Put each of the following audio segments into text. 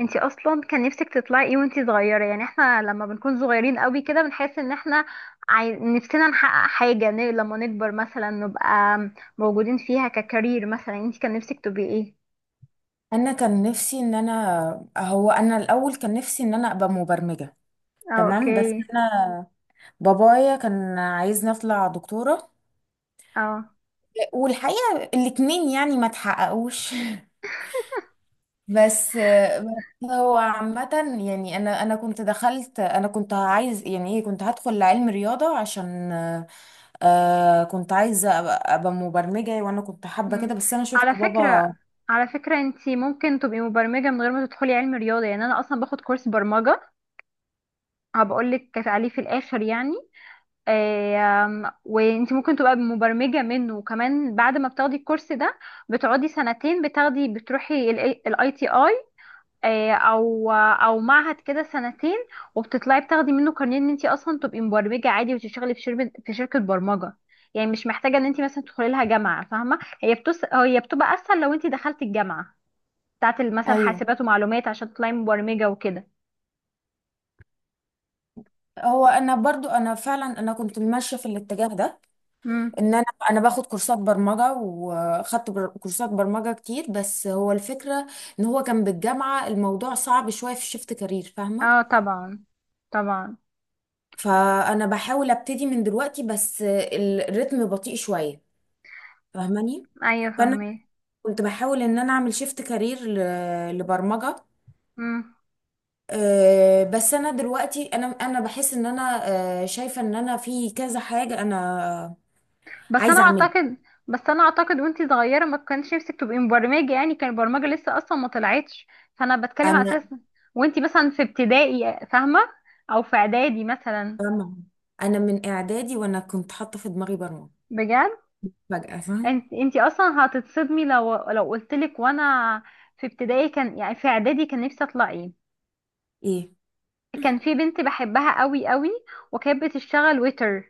انتي اصلا كان نفسك تطلعي ايه وانتي صغيره؟ يعني احنا لما بنكون صغيرين قوي كده بنحس ان احنا نفسنا نحقق حاجه، لما نكبر مثلا نبقى موجودين فيها ككارير. مثلا انتي كان نفسك تبقي ايه؟ انا الاول كان نفسي ان انا ابقى مبرمجة. اه، تمام، اوكي. بس انا بابايا كان عايزني اطلع دكتورة، اه. والحقيقة الاتنين يعني ما تحققوش. بس هو عامة، يعني انا انا كنت دخلت انا كنت عايز يعني ايه، كنت هدخل علم رياضة عشان كنت عايزة أبقى مبرمجة، وانا كنت حابة كده. مم. بس انا شفت على فكره بابا. على فكره انتي ممكن تبقي مبرمجه من غير ما تدخلي علم رياضه. يعني انا اصلا باخد كورس برمجه، هبقول لك عليه في الاخر يعني. وانت ممكن تبقى مبرمجة منه، وكمان بعد ما بتاخدي الكورس ده بتقعدي سنتين، بتروحي الاي تي اي، او معهد كده سنتين، وبتطلعي بتاخدي منه كارنيه ان انت اصلا تبقي مبرمجة عادي، وتشتغلي في شركة برمجة. يعني مش محتاجة ان انت مثلا تدخلي لها جامعة، فاهمة؟ هي بتبقى اسهل لو انت دخلتي الجامعة بتاعت مثلا ايوه، حاسبات ومعلومات عشان تطلعي مبرمجة وكده. هو انا برضو انا فعلا انا كنت ماشيه في الاتجاه ده، امم. ان انا انا باخد كورسات برمجه، وخدت كورسات برمجه كتير. بس هو الفكره ان هو كان بالجامعه الموضوع صعب شويه في شيفت كارير، فاهمه؟ اه، طبعا، طبعا. فانا بحاول ابتدي من دلوقتي، بس الريتم بطيء شويه، فاهماني؟ ايوه، فانا فاهمه. كنت بحاول ان انا اعمل شيفت كارير لبرمجه. بس انا دلوقتي انا انا بحس ان انا، شايفه ان انا في كذا حاجه انا بس انا عايزه اعملها. اعتقد بس انا اعتقد وانتي صغيره ما كانش نفسك تبقي مبرمجه، يعني كان البرمجه لسه اصلا ما طلعتش، فانا بتكلم على اساس انا وانتي مثلا في ابتدائي فاهمه، او في اعدادي مثلا. فاهمة؟ انا من اعدادي وانا كنت حاطه في دماغي برمجه بجد فجأة، فاهم؟ انتي اصلا هتتصدمي لو قلتلك. وانا في ابتدائي كان، يعني في اعدادي، كان نفسي اطلع ايه؟ ايه. كان في بنت بحبها قوي قوي، وكانت بتشتغل ويتر.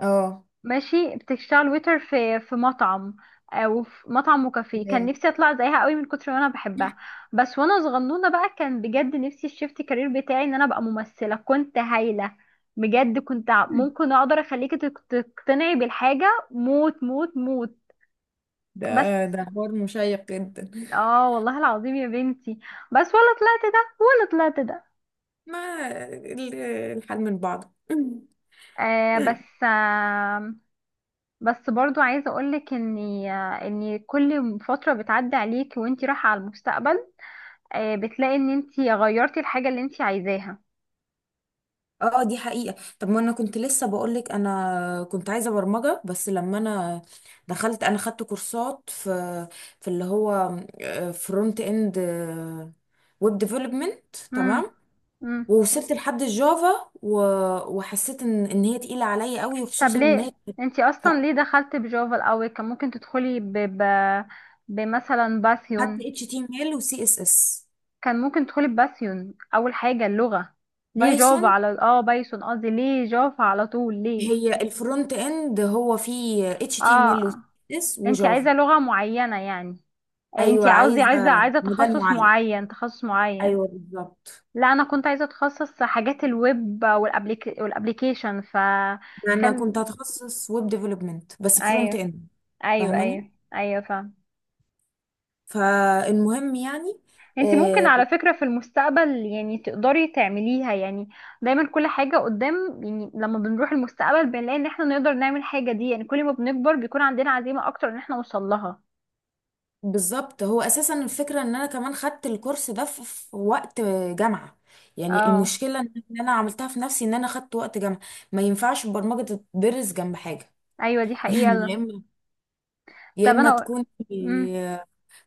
اه. ماشي، بتشتغل ويتر في مطعم، او في مطعم وكافيه، كان ياه. نفسي اطلع زيها قوي من كتر ما انا بحبها. بس وانا صغنونه بقى، كان بجد نفسي الشيفت كارير بتاعي ان انا ابقى ممثله، كنت هايله بجد، كنت ممكن اقدر اخليكي تقتنعي بالحاجه، موت، موت، موت. ده بس ده حوار مشيق جدا. اه، والله العظيم يا بنتي، بس ولا طلعت ده ولا طلعت ده. ما ال- الحال من بعضه. بس، بس برضو عايزه اقولك اني ان كل فتره بتعدي عليك وانتي رايحه على المستقبل، بتلاقي ان انت غيرتي الحاجة اللي انت عايزاها. اه دي حقيقة. طب ما انا كنت لسه بقولك انا كنت عايزة برمجة، بس لما انا دخلت انا خدت كورسات في اللي هو فرونت اند ويب ديفلوبمنت. امم، تمام. امم. ووصلت لحد الجافا وحسيت ان هي تقيلة عليا قوي، طب وخصوصا ان ليه هي انت اصلا ليه دخلت بجافا الاول؟ كان ممكن تدخلي بمثلا خدت باثيون. اتش تي ام ال وسي اس اس. كان ممكن تدخلي بباثيون اول حاجة اللغة، ليه جافا بايثون؟ على بايثون، قصدي ليه جافا على طول ليه؟ هي الفرونت اند، هو فيه اتش تي ام ال وسي اه، اس اس انت وجافا. عايزة لغة معينة يعني؟ انت ايوه قصدي عايزه عايزة مجال تخصص معين. معين تخصص معين ايوه بالظبط، لا انا كنت عايزة اتخصص حاجات الويب والابليكيشن ف. انا كنت كان. هتخصص ويب ديفلوبمنت بس فرونت ايوه، اند، ايوه، فاهماني؟ ايوه، ايوه، فاهم. فالمهم يعني، انت ممكن آه، على فكره في المستقبل يعني تقدري تعمليها يعني. دايما كل حاجه قدام، يعني لما بنروح المستقبل بنلاقي ان احنا نقدر نعمل حاجه دي، يعني كل ما بنكبر بيكون عندنا عزيمه اكتر ان احنا نوصل لها. بالظبط. هو اساسا الفكره ان انا كمان خدت الكورس ده في وقت جامعه، يعني اه. المشكله ان انا عملتها في نفسي ان انا خدت وقت جامعه. ما ينفعش البرمجه تدرس جنب حاجه. ايوه، دي حقيقه. يعني يا طب اما انا. تكون امم.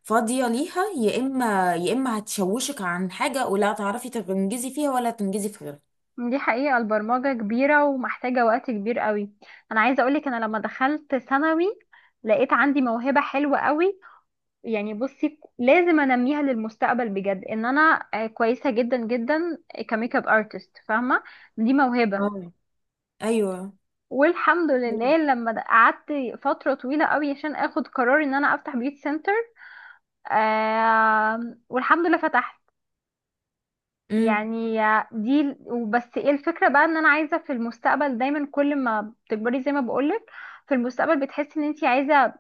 فاضيه ليها، يا اما هتشوشك عن حاجه، ولا تعرفي تنجزي فيها ولا تنجزي في غيرها. دي حقيقه، البرمجه كبيره ومحتاجه وقت كبير قوي. انا عايزه اقولك، انا لما دخلت ثانوي لقيت عندي موهبه حلوه قوي، يعني بصي لازم انميها للمستقبل بجد، ان انا كويسه جدا جدا كميك اب ارتست، فاهمه؟ دي موهبه. اه. ايوه. والحمد أيوة. لله، لما قعدت فتره طويله قوي عشان اخد قرار ان انا افتح بيوت سنتر، والحمد لله فتحت. امم. يعني دي، وبس ايه الفكرة بقى؟ ان انا عايزة في المستقبل دايما، كل ما بتكبري زي ما بقولك في المستقبل بتحسي ان انتي عايزة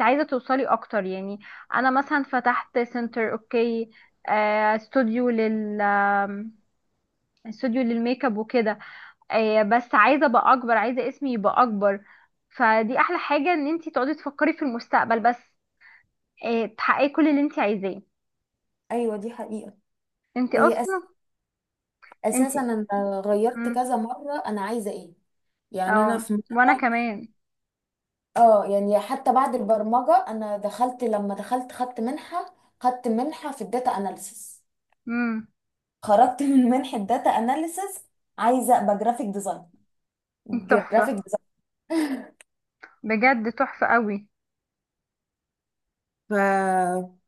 عايزة توصلي اكتر يعني. انا مثلا فتحت سنتر، اوكي، استوديو لل آم، استوديو للميك اب وكده، بس عايزة ابقى اكبر، عايزة اسمي يبقى اكبر. فدي احلى حاجة، ان انتي تقعدي تفكري في المستقبل، بس تحققي كل اللي انتي عايزاه. ايوه دي حقيقه. انتي هي أس... اصلا، اساسا انتي. انا غيرت مم. كذا مره، انا عايزه ايه. يعني انا اه، في وانا مره، كمان. اه، يعني حتى بعد البرمجه انا دخلت لما دخلت خدت منحه، خدت منحه في الداتا اناليسيس، مم. خرجت من منحه داتا اناليسيس عايزه ابقى جرافيك ديزاين. جرافيك تحفة، ديزاين. بجد تحفة قوي.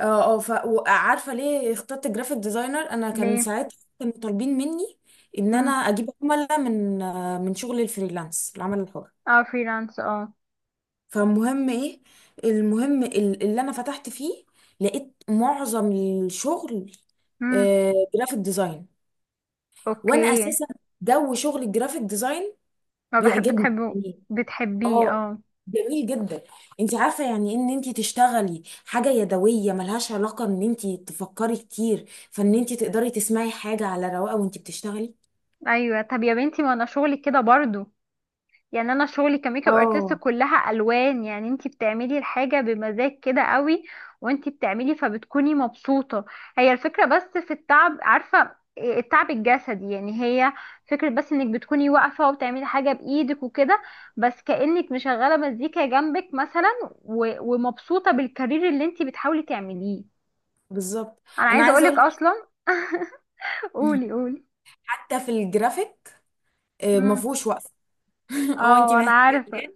اه اه، وعارفه ليه اخترت جرافيك ديزاينر؟ انا كان ليه؟ ساعتها كانوا طالبين مني ان انا مم. اجيب عملاء من، من شغل الفريلانس، العمل الحر. اه، فريلانس، اه. فالمهم ايه، المهم اللي انا فتحت فيه لقيت معظم الشغل مم. جرافيك ديزاين. اوكي. وانا اساسا جو شغل الجرافيك ديزاين ما بحب بيعجبني. بتحبه، بتحبيه، اه اه. جميل جدا. انت عارفه يعني ان انت تشتغلي حاجه يدويه ملهاش علاقه ان انت تفكري كتير، فان انت تقدري تسمعي حاجه على رواقه وانت بتشتغلي. ايوه، طب يا بنتي ما انا شغلي كده برضو، يعني انا شغلي كميك اب ارتست اه كلها الوان، يعني انتي بتعملي الحاجه بمزاج كده قوي. وانتي بتعملي فبتكوني مبسوطه. هي الفكره بس في التعب، عارفه إيه التعب الجسدي يعني؟ هي فكره بس انك بتكوني واقفه وبتعملي حاجه بايدك وكده، بس كانك مشغله مزيكا جنبك مثلا، ومبسوطه بالكارير اللي انتي بتحاولي تعمليه. بالظبط. انا انا عايزه عايزه اقولك اقول اصلا لك، قولي قولي. حتى في الجرافيك امم. مفهوش وقفه. هو انت اه، انا محتاجه عارفه. تنام،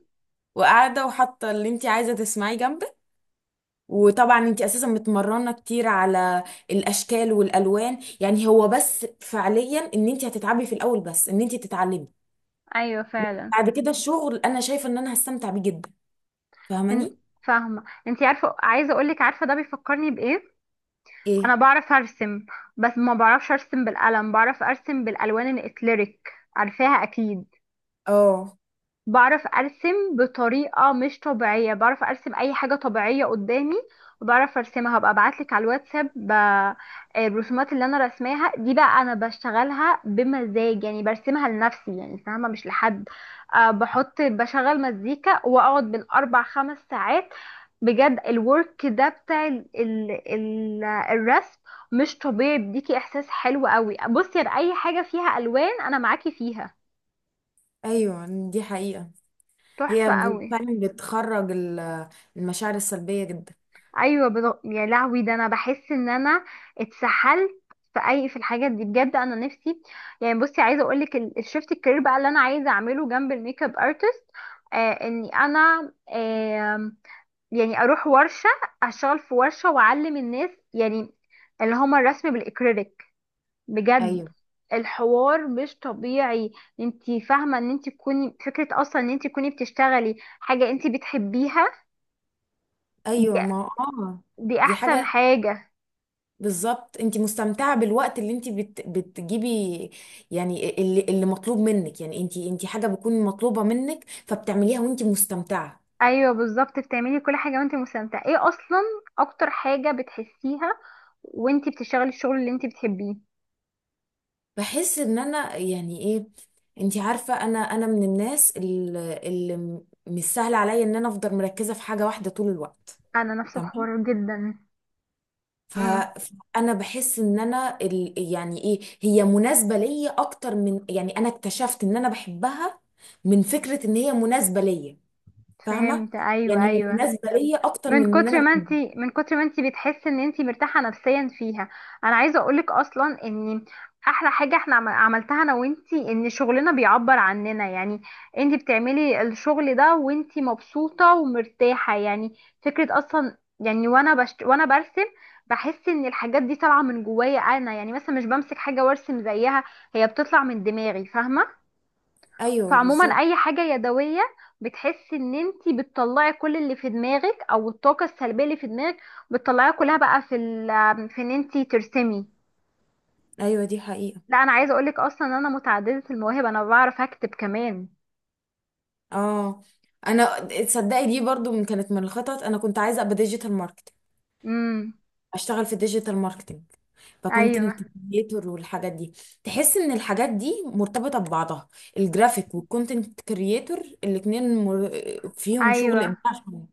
وقاعده وحاطه اللي انت عايزه تسمعيه جنبك، وطبعا انت اساسا متمرنه كتير على الاشكال والالوان، يعني هو بس فعليا ان انت هتتعبي في الاول بس ان انت تتعلمي، ايوه فعلا. بعد كده الشغل انا شايفه ان انا هستمتع بيه جدا، إن- فاهماني؟ فاهمة؟ انتي عارفة؟ عايزة اقولك، عارفة ده بيفكرني بايه؟ ايه. انا بعرف ارسم، بس ما بعرفش ارسم بالقلم، بعرف ارسم بالالوان الاكليريك، عارفاها اكيد؟ اه. بعرف ارسم بطريقه مش طبيعيه، بعرف ارسم اي حاجه طبيعيه قدامي وبعرف ارسمها. هبقى ابعتلك على الواتساب الرسومات اللي انا رسماها دي. بقى انا بشتغلها بمزاج، يعني برسمها لنفسي يعني، فاهمه؟ مش لحد. أه، بحط بشغل مزيكا واقعد بالاربع خمس ساعات، بجد الورك ده بتاع ال ال ال الرسم مش طبيعي، بيديكي احساس حلو قوي. بصي يا، اي حاجه فيها الوان انا معاكي فيها، ايوه دي حقيقه. هي تحفه قوي. فعلا بتخرج المشاعر السلبيه جدا. ايوه يا لهوي، ده انا بحس ان انا اتسحلت في الحاجات دي بجد، انا نفسي يعني. بصي عايزه اقول لك الشيفت الكارير بقى اللي انا عايزه اعمله جنب الميك اب ارتست، آه اني يعني اروح ورشه، اشتغل في ورشه واعلم الناس يعني، اللي هما الرسم بالاكريليك. بجد ايوه. الحوار مش طبيعي. انتي فاهمه ان انتي تكوني، فكره اصلا ان انتي تكوني بتشتغلي حاجه انتي بتحبيها، ايوه، دي, ما اه، دي دي احسن حاجه. حاجه. بالظبط، انت مستمتعه بالوقت اللي انت بتجيبي، يعني اللي مطلوب منك، يعني انت حاجه بتكون مطلوبه منك فبتعمليها وانت مستمتعه. ايوه بالظبط، بتعملي كل حاجه وانت مستمتعه. ايه اصلا اكتر حاجه بتحسيها وانت بتشتغلي الشغل اللي انت بتحبيه؟ بحس ان انا يعني ايه، انتي عارفه انا من الناس اللي مش سهل عليا ان انا افضل مركزه في حاجه واحده طول الوقت. انا نفس تمام. الحوار جدا. امم. فانا بحس ان انا يعني ايه، هي مناسبه ليا اكتر من، يعني انا اكتشفت ان انا بحبها من فكره ان هي مناسبه ليا، فاهمه؟ فهمت، يعني ايوه، هي ايوه. مناسبه ليا اكتر من من ان انا كتر ما انت بحبها. من كتر ما انت بتحسي ان انت مرتاحه نفسيا فيها. انا عايزه اقولك اصلا، ان احلى حاجه احنا عملتها انا وانتي، ان شغلنا بيعبر عننا يعني. انت بتعملي الشغل ده وانت مبسوطه ومرتاحه، يعني فكره اصلا يعني. وانا برسم بحس ان الحاجات دي طالعه من جوايا انا، يعني مثلا مش بمسك حاجه وارسم زيها، هي بتطلع من دماغي فاهمه؟ ايوه فعموما بالظبط. اي حاجة يدوية بتحسي ان انتي بتطلعي كل اللي في دماغك، او الطاقة السلبية اللي في دماغك بتطلعيها كلها، بقى في ان انتي ترسمي. ايوه دي حقيقه. لا انا عايزة اقولك اصلا، ان انا متعددة المواهب، انا بعرف اكتب كمان. اه، انا تصدقي دي برضو كانت من الخطط، انا كنت عايزه ابقى ديجيتال ماركت، امم. اشتغل في الديجيتال ماركتينج، فكونتنت ايوه، كريتور والحاجات دي. تحس ان الحاجات دي مرتبطه ببعضها، الجرافيك والكونتنت كريتور، الاثنين فيهم شغل ايوه. ابداع شوية.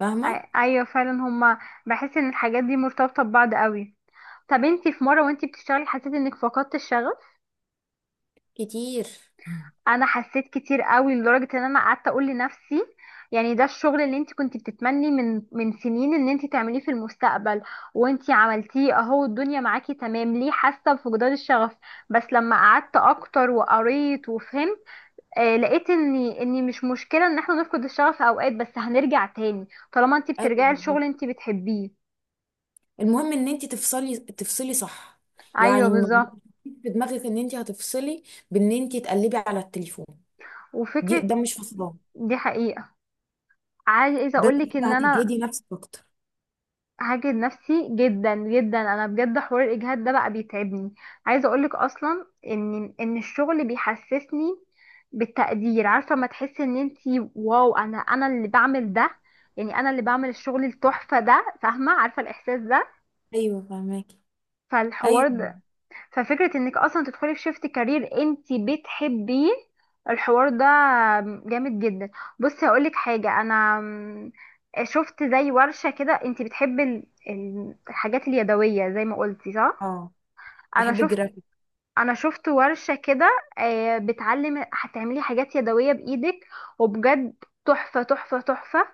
فاهمه؟ ايوه فعلا هما، بحس ان الحاجات دي مرتبطة ببعض قوي. طب انتي في مرة وانتي بتشتغلي حسيتي انك فقدت الشغف؟ كتير. انا حسيت كتير قوي، لدرجه ان انا قعدت اقول لنفسي، يعني ده الشغل اللي انت كنت بتتمني من سنين ان انت تعمليه في المستقبل، وانت عملتيه اهو، الدنيا معاكي تمام، ليه حاسه بفقدان الشغف؟ بس لما قعدت اكتر وقريت وفهمت، لقيت اني مش مشكله ان احنا نفقد الشغف اوقات، بس هنرجع تاني طالما انت ايوه بترجعي بالظبط. لشغل انت بتحبيه. المهم ان انت تفصلي تفصلي صح، ايوه يعني ما بالظبط. تحطيش في دماغك ان انت هتفصلي بان انت تقلبي على التليفون. دي، وفكره. ده مش فصلان، دي حقيقة. عايزة ده انت اقولك كده ان انا هتجهدي نفسك اكتر. هاجد نفسي جدا جدا، انا بجد حوار الاجهاد ده بقى بيتعبني. عايزه اقولك اصلا ان الشغل بيحسسني بالتقدير. عارفه ما تحسي ان انتي واو، انا اللي بعمل ده، يعني انا اللي بعمل الشغل التحفه ده، فاهمه؟ عارفه الاحساس ده؟ ايوه فاهماكي. ايوه. فالحوار، ففكرة انك اصلا تدخلي في شيفت كارير انت بتحبيه، الحوار ده جامد جدا. بصي هقولك حاجة، شفت زي ورشة كده. انت بتحبي الحاجات اليدوية زي ما قلتي، صح؟ اه انا بحب شفت الجرافيك. انا شفت ورشة كده، هتعملي حاجات يدوية بايدك، وبجد تحفة، تحفة، تحفة.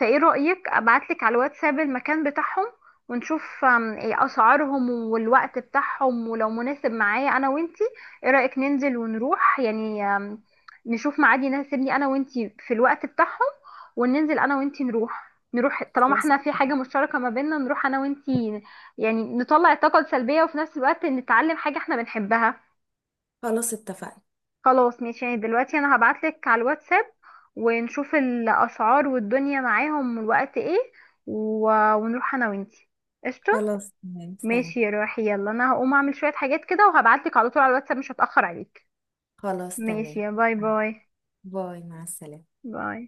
فايه رأيك ابعتلك على الواتساب المكان بتاعهم، ونشوف إيه اسعارهم والوقت بتاعهم، ولو مناسب معايا انا وانتي. ايه رأيك ننزل ونروح يعني، نشوف ميعاد يناسبني انا وانتي في الوقت بتاعهم، وننزل انا وانتي نروح طالما خلاص. احنا في حاجة مشتركة ما بيننا. نروح انا وانتي، يعني نطلع الطاقة السلبية وفي نفس الوقت نتعلم حاجة احنا بنحبها. خلاص اتفقنا. خلاص ماشي، يعني دلوقتي انا هبعتلك على الواتساب ونشوف الاسعار والدنيا معاهم والوقت ايه، و... ونروح انا وانتي. قشطه. خلاص تمام، سلام. ماشي يا روحي، يلا انا هقوم اعمل شويه حاجات كده وهبعتلك على طول على الواتساب، مش هتاخر عليك. خلاص ماشي تمام. يا، باي، باي، باي، مع السلامة. باي.